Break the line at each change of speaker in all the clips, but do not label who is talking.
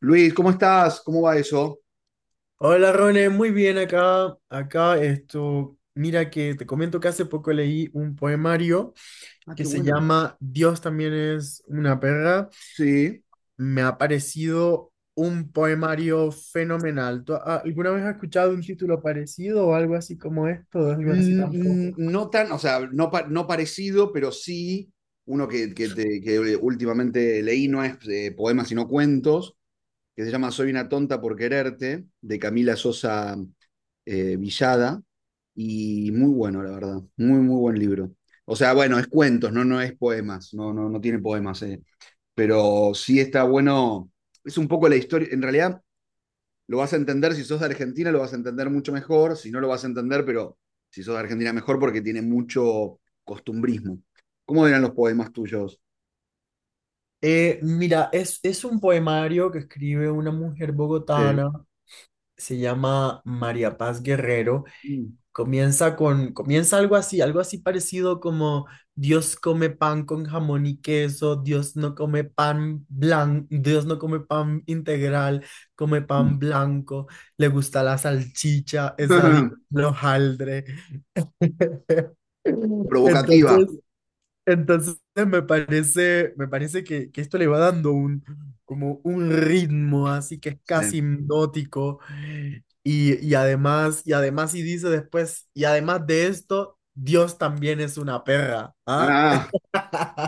Luis, ¿cómo estás? ¿Cómo va eso?
Hola Rone, muy bien acá. Acá esto, mira que te comento que hace poco leí un poemario
Ah,
que
qué
se
bueno.
llama Dios también es una perra.
Sí.
Me ha parecido un poemario fenomenal. ¿Tú alguna vez has escuchado un título parecido o algo así como esto, o algo así tampoco?
No tan, o sea, no, no parecido, pero sí uno que últimamente leí, no es poemas sino cuentos, que se llama Soy una tonta por quererte, de Camila Sosa Villada, y muy bueno, la verdad, muy buen libro. O sea, bueno, es cuentos, no es poemas, no tiene poemas, pero sí está bueno, es un poco la historia, en realidad lo vas a entender, si sos de Argentina lo vas a entender mucho mejor, si no lo vas a entender, pero si sos de Argentina mejor porque tiene mucho costumbrismo. ¿Cómo eran los poemas tuyos?
Mira, es un poemario que escribe una mujer
Sí.
bogotana, se llama María Paz Guerrero. Comienza algo así parecido como Dios come pan con jamón y queso, Dios no come pan blanco, Dios no come pan integral, come pan blanco, le gusta la salchicha, es adicto al hojaldre.
Provocativa.
Entonces, entonces me parece que esto le va dando un, como un ritmo así que es casi
Sí.
hipnótico. Y dice después, y además de esto, Dios también es una perra, ¿ah?
Ah,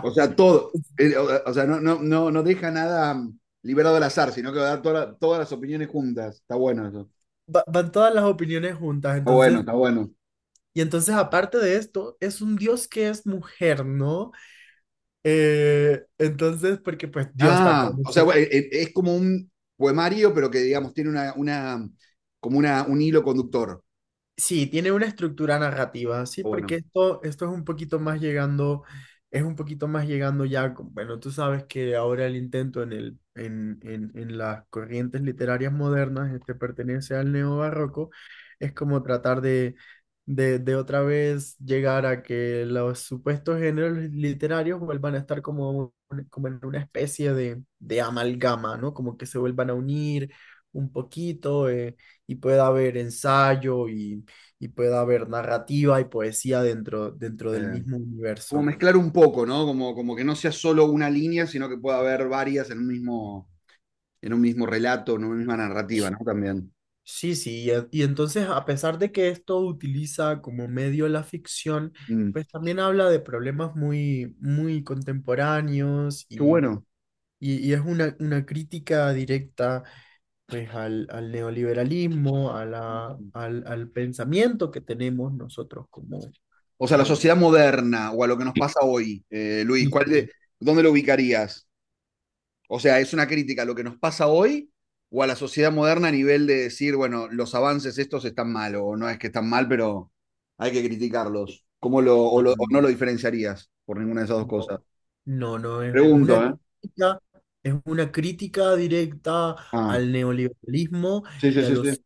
o sea, todo. O sea, no deja nada liberado al azar, sino que va a dar todas las opiniones juntas. Está bueno eso.
Van todas las opiniones juntas,
Está bueno,
entonces,
está bueno.
y entonces aparte de esto, es un Dios que es mujer, ¿no? Porque pues Dios también
Ah, o
es.
sea, bueno, es como un poemario, pero que digamos tiene una como un hilo conductor.
Sí, tiene una estructura narrativa, sí, porque
Bueno.
esto es un poquito más llegando, es un poquito más llegando ya, bueno, tú sabes que ahora el intento en el, en las corrientes literarias modernas, este pertenece al neobarroco, es como tratar de, de otra vez llegar a que los supuestos géneros literarios vuelvan a estar como, como en una especie de amalgama, ¿no? Como que se vuelvan a unir un poquito, y pueda haber ensayo y pueda haber narrativa y poesía dentro, dentro del
Eh,
mismo
como
universo.
mezclar un poco, ¿no? Como, como que no sea solo una línea, sino que pueda haber varias en un mismo relato, en una misma narrativa, ¿no? También.
Sí, sí, y, y entonces a pesar de que esto utiliza como medio la ficción,
Mm,
pues también habla de problemas muy, muy contemporáneos
qué
y,
bueno.
y es una crítica directa pues al, al neoliberalismo, a la, al, al pensamiento que tenemos nosotros como,
O sea, la
como.
sociedad moderna o a lo que nos pasa hoy, Luis, ¿cuál de, ¿dónde lo ubicarías? O sea, ¿es una crítica a lo que nos pasa hoy o a la sociedad moderna a nivel de decir, bueno, los avances estos están mal o no es que están mal, pero hay que criticarlos? ¿Cómo lo, o no lo diferenciarías por ninguna de esas dos
No,
cosas?
no, no,
Pregunto, ¿eh?
es una crítica directa
Ah.
al neoliberalismo
Sí, sí,
y
sí, sí.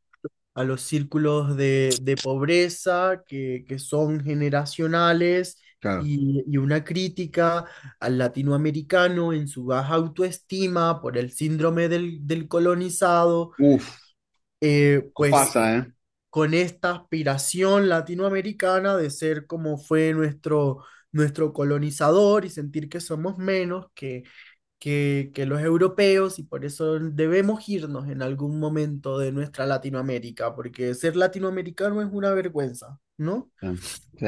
a los círculos de pobreza que son generacionales
Claro.
y una crítica al latinoamericano en su baja autoestima por el síndrome del, del colonizado.
Uf,
Eh,
nos
pues
pasa, ¿eh?
con esta aspiración latinoamericana de ser como fue nuestro, nuestro colonizador y sentir que somos menos que los europeos y por eso debemos irnos en algún momento de nuestra Latinoamérica, porque ser latinoamericano es una vergüenza, ¿no?
Sí. Sí,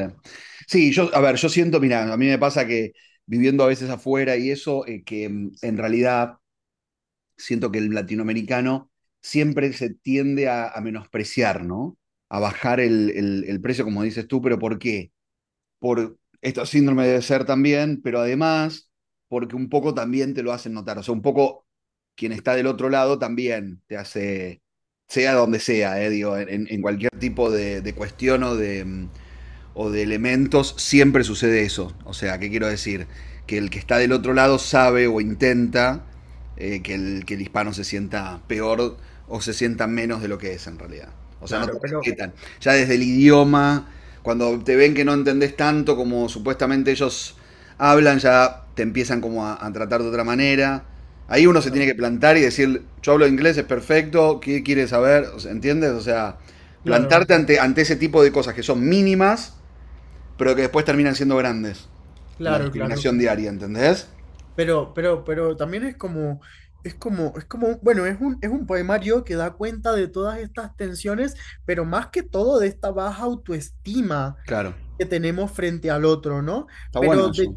sí, yo, a ver, yo siento, mira, a mí me pasa que viviendo a veces afuera y eso, en realidad siento que el latinoamericano siempre se tiende a menospreciar, ¿no? A bajar el precio, como dices tú, pero ¿por qué? Por esto síndrome de ser también, pero además porque un poco también te lo hacen notar, o sea, un poco quien está del otro lado también te hace, sea donde sea, digo, cualquier tipo de cuestión o de, o de elementos, siempre sucede eso. O sea, ¿qué quiero decir? Que el que está del otro lado sabe o intenta que, que el hispano se sienta peor o se sienta menos de lo que es en realidad. O sea, no te
Claro, pero...
respetan. Ya desde el idioma, cuando te ven que no entendés tanto como supuestamente ellos hablan, ya te empiezan como a tratar de otra manera. Ahí uno se
Claro,
tiene que plantar y decir, yo hablo inglés, es perfecto, ¿qué quieres saber? O sea, ¿entiendes? O sea,
claro,
plantarte ante ese tipo de cosas que son mínimas pero que después terminan siendo grandes en la
claro, claro.
discriminación diaria, ¿entendés?
Pero también es como, es como, es como, bueno, es un poemario que da cuenta de todas estas tensiones, pero más que todo de esta baja autoestima
Claro.
que tenemos frente al otro, ¿no?
Está bueno
Pero
eso.
de,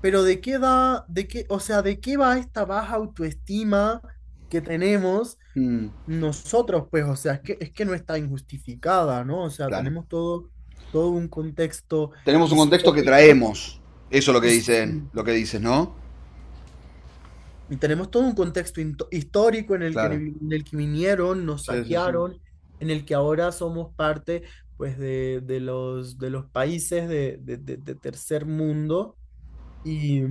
pero de qué da, de qué, o sea, de qué va esta baja autoestima que tenemos
Mm,
nosotros, pues, o sea, es que no está injustificada, ¿no? O sea,
claro.
tenemos todo, todo un contexto
Tenemos un contexto que
histórico.
traemos. Eso es lo que dicen, lo que dices, ¿no?
Y tenemos todo un contexto histórico en el que,
Claro.
en el que vinieron, nos
Sí, sí, sí.
saquearon, en el que ahora somos parte pues, de los países de, de tercer mundo. Y, y,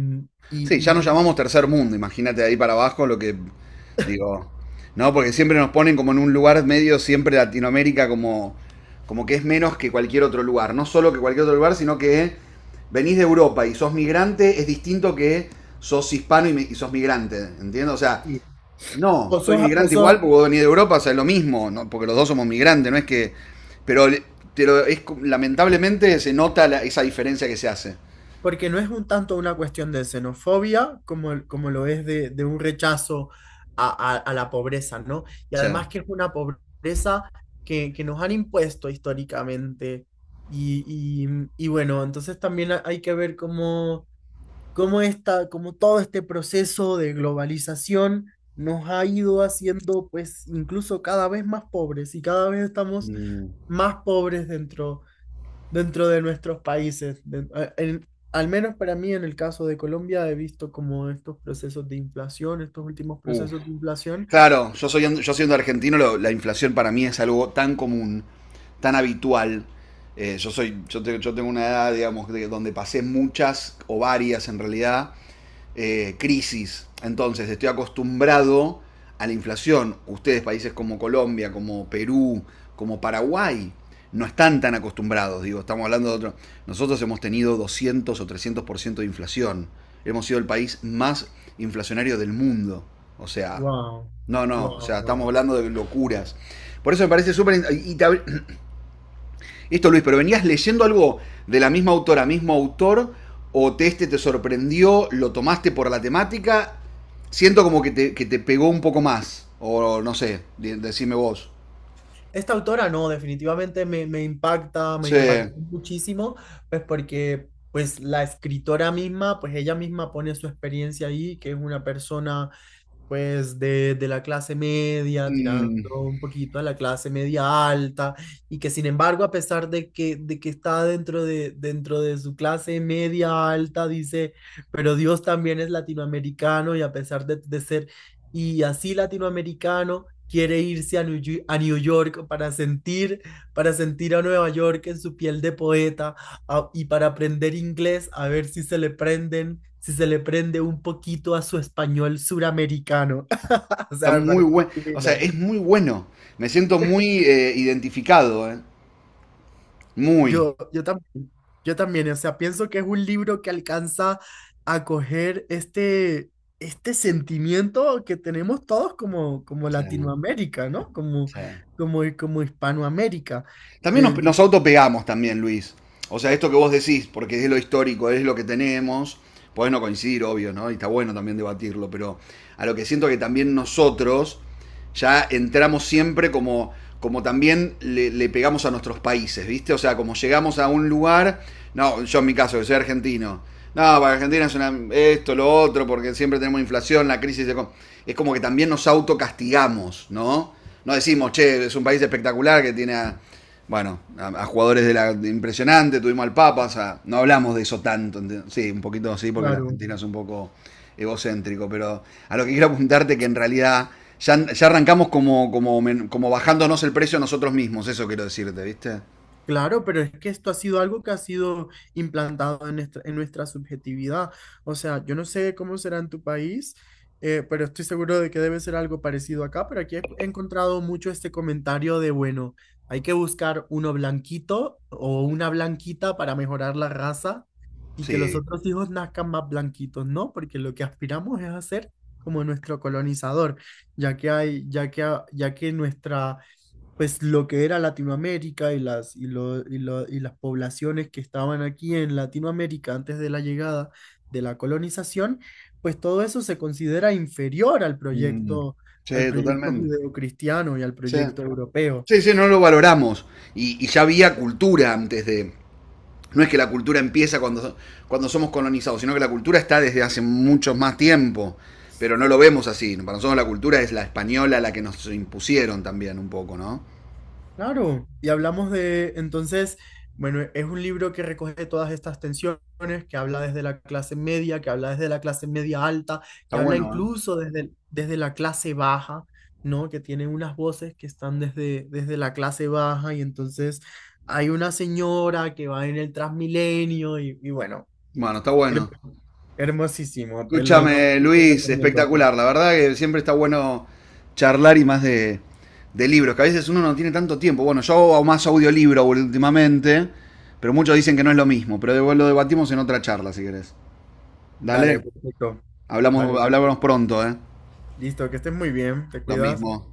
Sí, ya nos llamamos tercer mundo, imagínate de ahí para abajo lo que digo, no, porque siempre nos ponen como en un lugar medio, siempre Latinoamérica como, como que es menos que cualquier otro lugar, no solo que cualquier otro lugar, sino que venís de Europa y sos migrante es distinto que sos hispano y sos migrante, ¿entiendes? O sea,
y
no, soy migrante igual
osos.
porque vos venís de Europa, o sea, es lo mismo, ¿no? porque los dos somos migrantes, no es que, pero, lamentablemente se nota esa diferencia que se hace.
Porque no es un tanto una cuestión de xenofobia como, como lo es de un rechazo a, a la pobreza, ¿no?
O
Y
sea,
además que es una pobreza que nos han impuesto históricamente. Y, y bueno, entonces también hay que ver cómo, cómo, esta, cómo todo este proceso de globalización nos ha ido haciendo pues incluso cada vez más pobres y cada vez estamos
mm,
más pobres dentro dentro de nuestros países. Al menos para mí, en el caso de Colombia, he visto como estos procesos de inflación, estos últimos
uh.
procesos de inflación.
Claro, yo siendo argentino, la inflación para mí es algo tan común, tan habitual. Yo, soy, yo, te- yo tengo una edad, digamos, donde pasé muchas o varias en realidad crisis. Entonces estoy acostumbrado a la inflación. Ustedes, países como Colombia, como Perú, como Paraguay, no están tan acostumbrados. Digo, estamos hablando de otro. Nosotros hemos tenido 200 o 300% de inflación. Hemos sido el país más inflacionario del mundo. O sea,
Wow,
no, no, o
wow,
sea, estamos
wow.
hablando de locuras. Por eso me parece súper. Y te, esto, Luis, pero venías leyendo algo de la misma autora, mismo autor, o te, este te sorprendió, lo tomaste por la temática, siento como que te pegó un poco más, o no sé, decime vos.
Esta autora no, definitivamente me, me impacta, me impactó
Sí.
muchísimo, pues porque pues la escritora misma, pues ella misma pone su experiencia ahí, que es una persona pues de la clase media, tirando
Mm,
un poquito a la clase media alta, y que sin embargo, a pesar de que está dentro de su clase media alta, dice, pero Dios también es latinoamericano y a pesar de ser y así latinoamericano, quiere irse a a New York para sentir a Nueva York en su piel de poeta y para aprender inglés, a ver si se le prenden, si se le prende un poquito a su español suramericano. O
está
sea, me
muy
parece
bueno, o sea,
divino.
es muy bueno, me siento muy identificado, ¿eh? Muy.
Yo, yo también, o sea, pienso que es un libro que alcanza a coger este, este sentimiento que tenemos todos como, como
Sí,
Latinoamérica, ¿no? Como,
sí.
como, como Hispanoamérica.
También nos,
De,
nos autopegamos también, Luis. O sea, esto que vos decís, porque es lo histórico, es lo que tenemos, podés no coincidir, obvio, ¿no? Y está bueno también debatirlo, pero a lo que siento que también nosotros ya entramos siempre como, como también le pegamos a nuestros países, ¿viste? O sea, como llegamos a un lugar, no, yo en mi caso, que soy argentino, no, para Argentina es una, esto, lo otro, porque siempre tenemos inflación, la crisis, de, es como que también nos autocastigamos, ¿no? No decimos, che, es un país espectacular que tiene... A, bueno, a jugadores de la de impresionante, tuvimos al Papas, no hablamos de eso tanto, sí, un poquito sí, porque la
claro.
Argentina es un poco egocéntrico, pero a lo que quiero apuntarte que en realidad ya arrancamos como bajándonos el precio a nosotros mismos, eso quiero decirte, ¿viste?
Claro, pero es que esto ha sido algo que ha sido implantado en nuestra subjetividad. O sea, yo no sé cómo será en tu país, pero estoy seguro de que debe ser algo parecido acá. Pero aquí he encontrado mucho este comentario de, bueno, hay que buscar uno blanquito o una blanquita para mejorar la raza y que los
Sí.
otros hijos nazcan más blanquitos, ¿no? Porque lo que aspiramos es hacer como nuestro colonizador, ya que hay, ya que nuestra pues lo que era Latinoamérica y las, y las poblaciones que estaban aquí en Latinoamérica antes de la llegada de la colonización, pues todo eso se considera inferior
Mm.
al
Sí,
proyecto
totalmente.
judeocristiano y al
Sí,
proyecto europeo.
sí, sí, no lo valoramos. Y ya había cultura antes de, no es que la cultura empieza cuando, cuando somos colonizados, sino que la cultura está desde hace mucho más tiempo, pero no lo vemos así. Para nosotros la cultura es la española, la que nos impusieron también un poco, ¿no?
Claro, y hablamos de, entonces, bueno, es un libro que recoge todas estas tensiones, que habla desde la clase media, que habla desde la clase media alta,
Está
que habla
bueno, ¿eh?
incluso desde, desde la clase baja, ¿no? Que tiene unas voces que están desde, desde la clase baja y entonces hay una señora que va en el Transmilenio y bueno,
Bueno, está bueno.
hermo- hermosísimo,
Escúchame,
te
Luis,
recomiendo.
espectacular. La verdad que siempre está bueno charlar y más de libros, que a veces uno no tiene tanto tiempo. Bueno, yo hago más audiolibro últimamente, pero muchos dicen que no es lo mismo, pero lo debatimos en otra charla, si querés. Dale,
Dale, perfecto.
hablamos,
Vale,
hablamos pronto, ¿eh?
listo, que estés muy bien, te
Lo
cuidas.
mismo.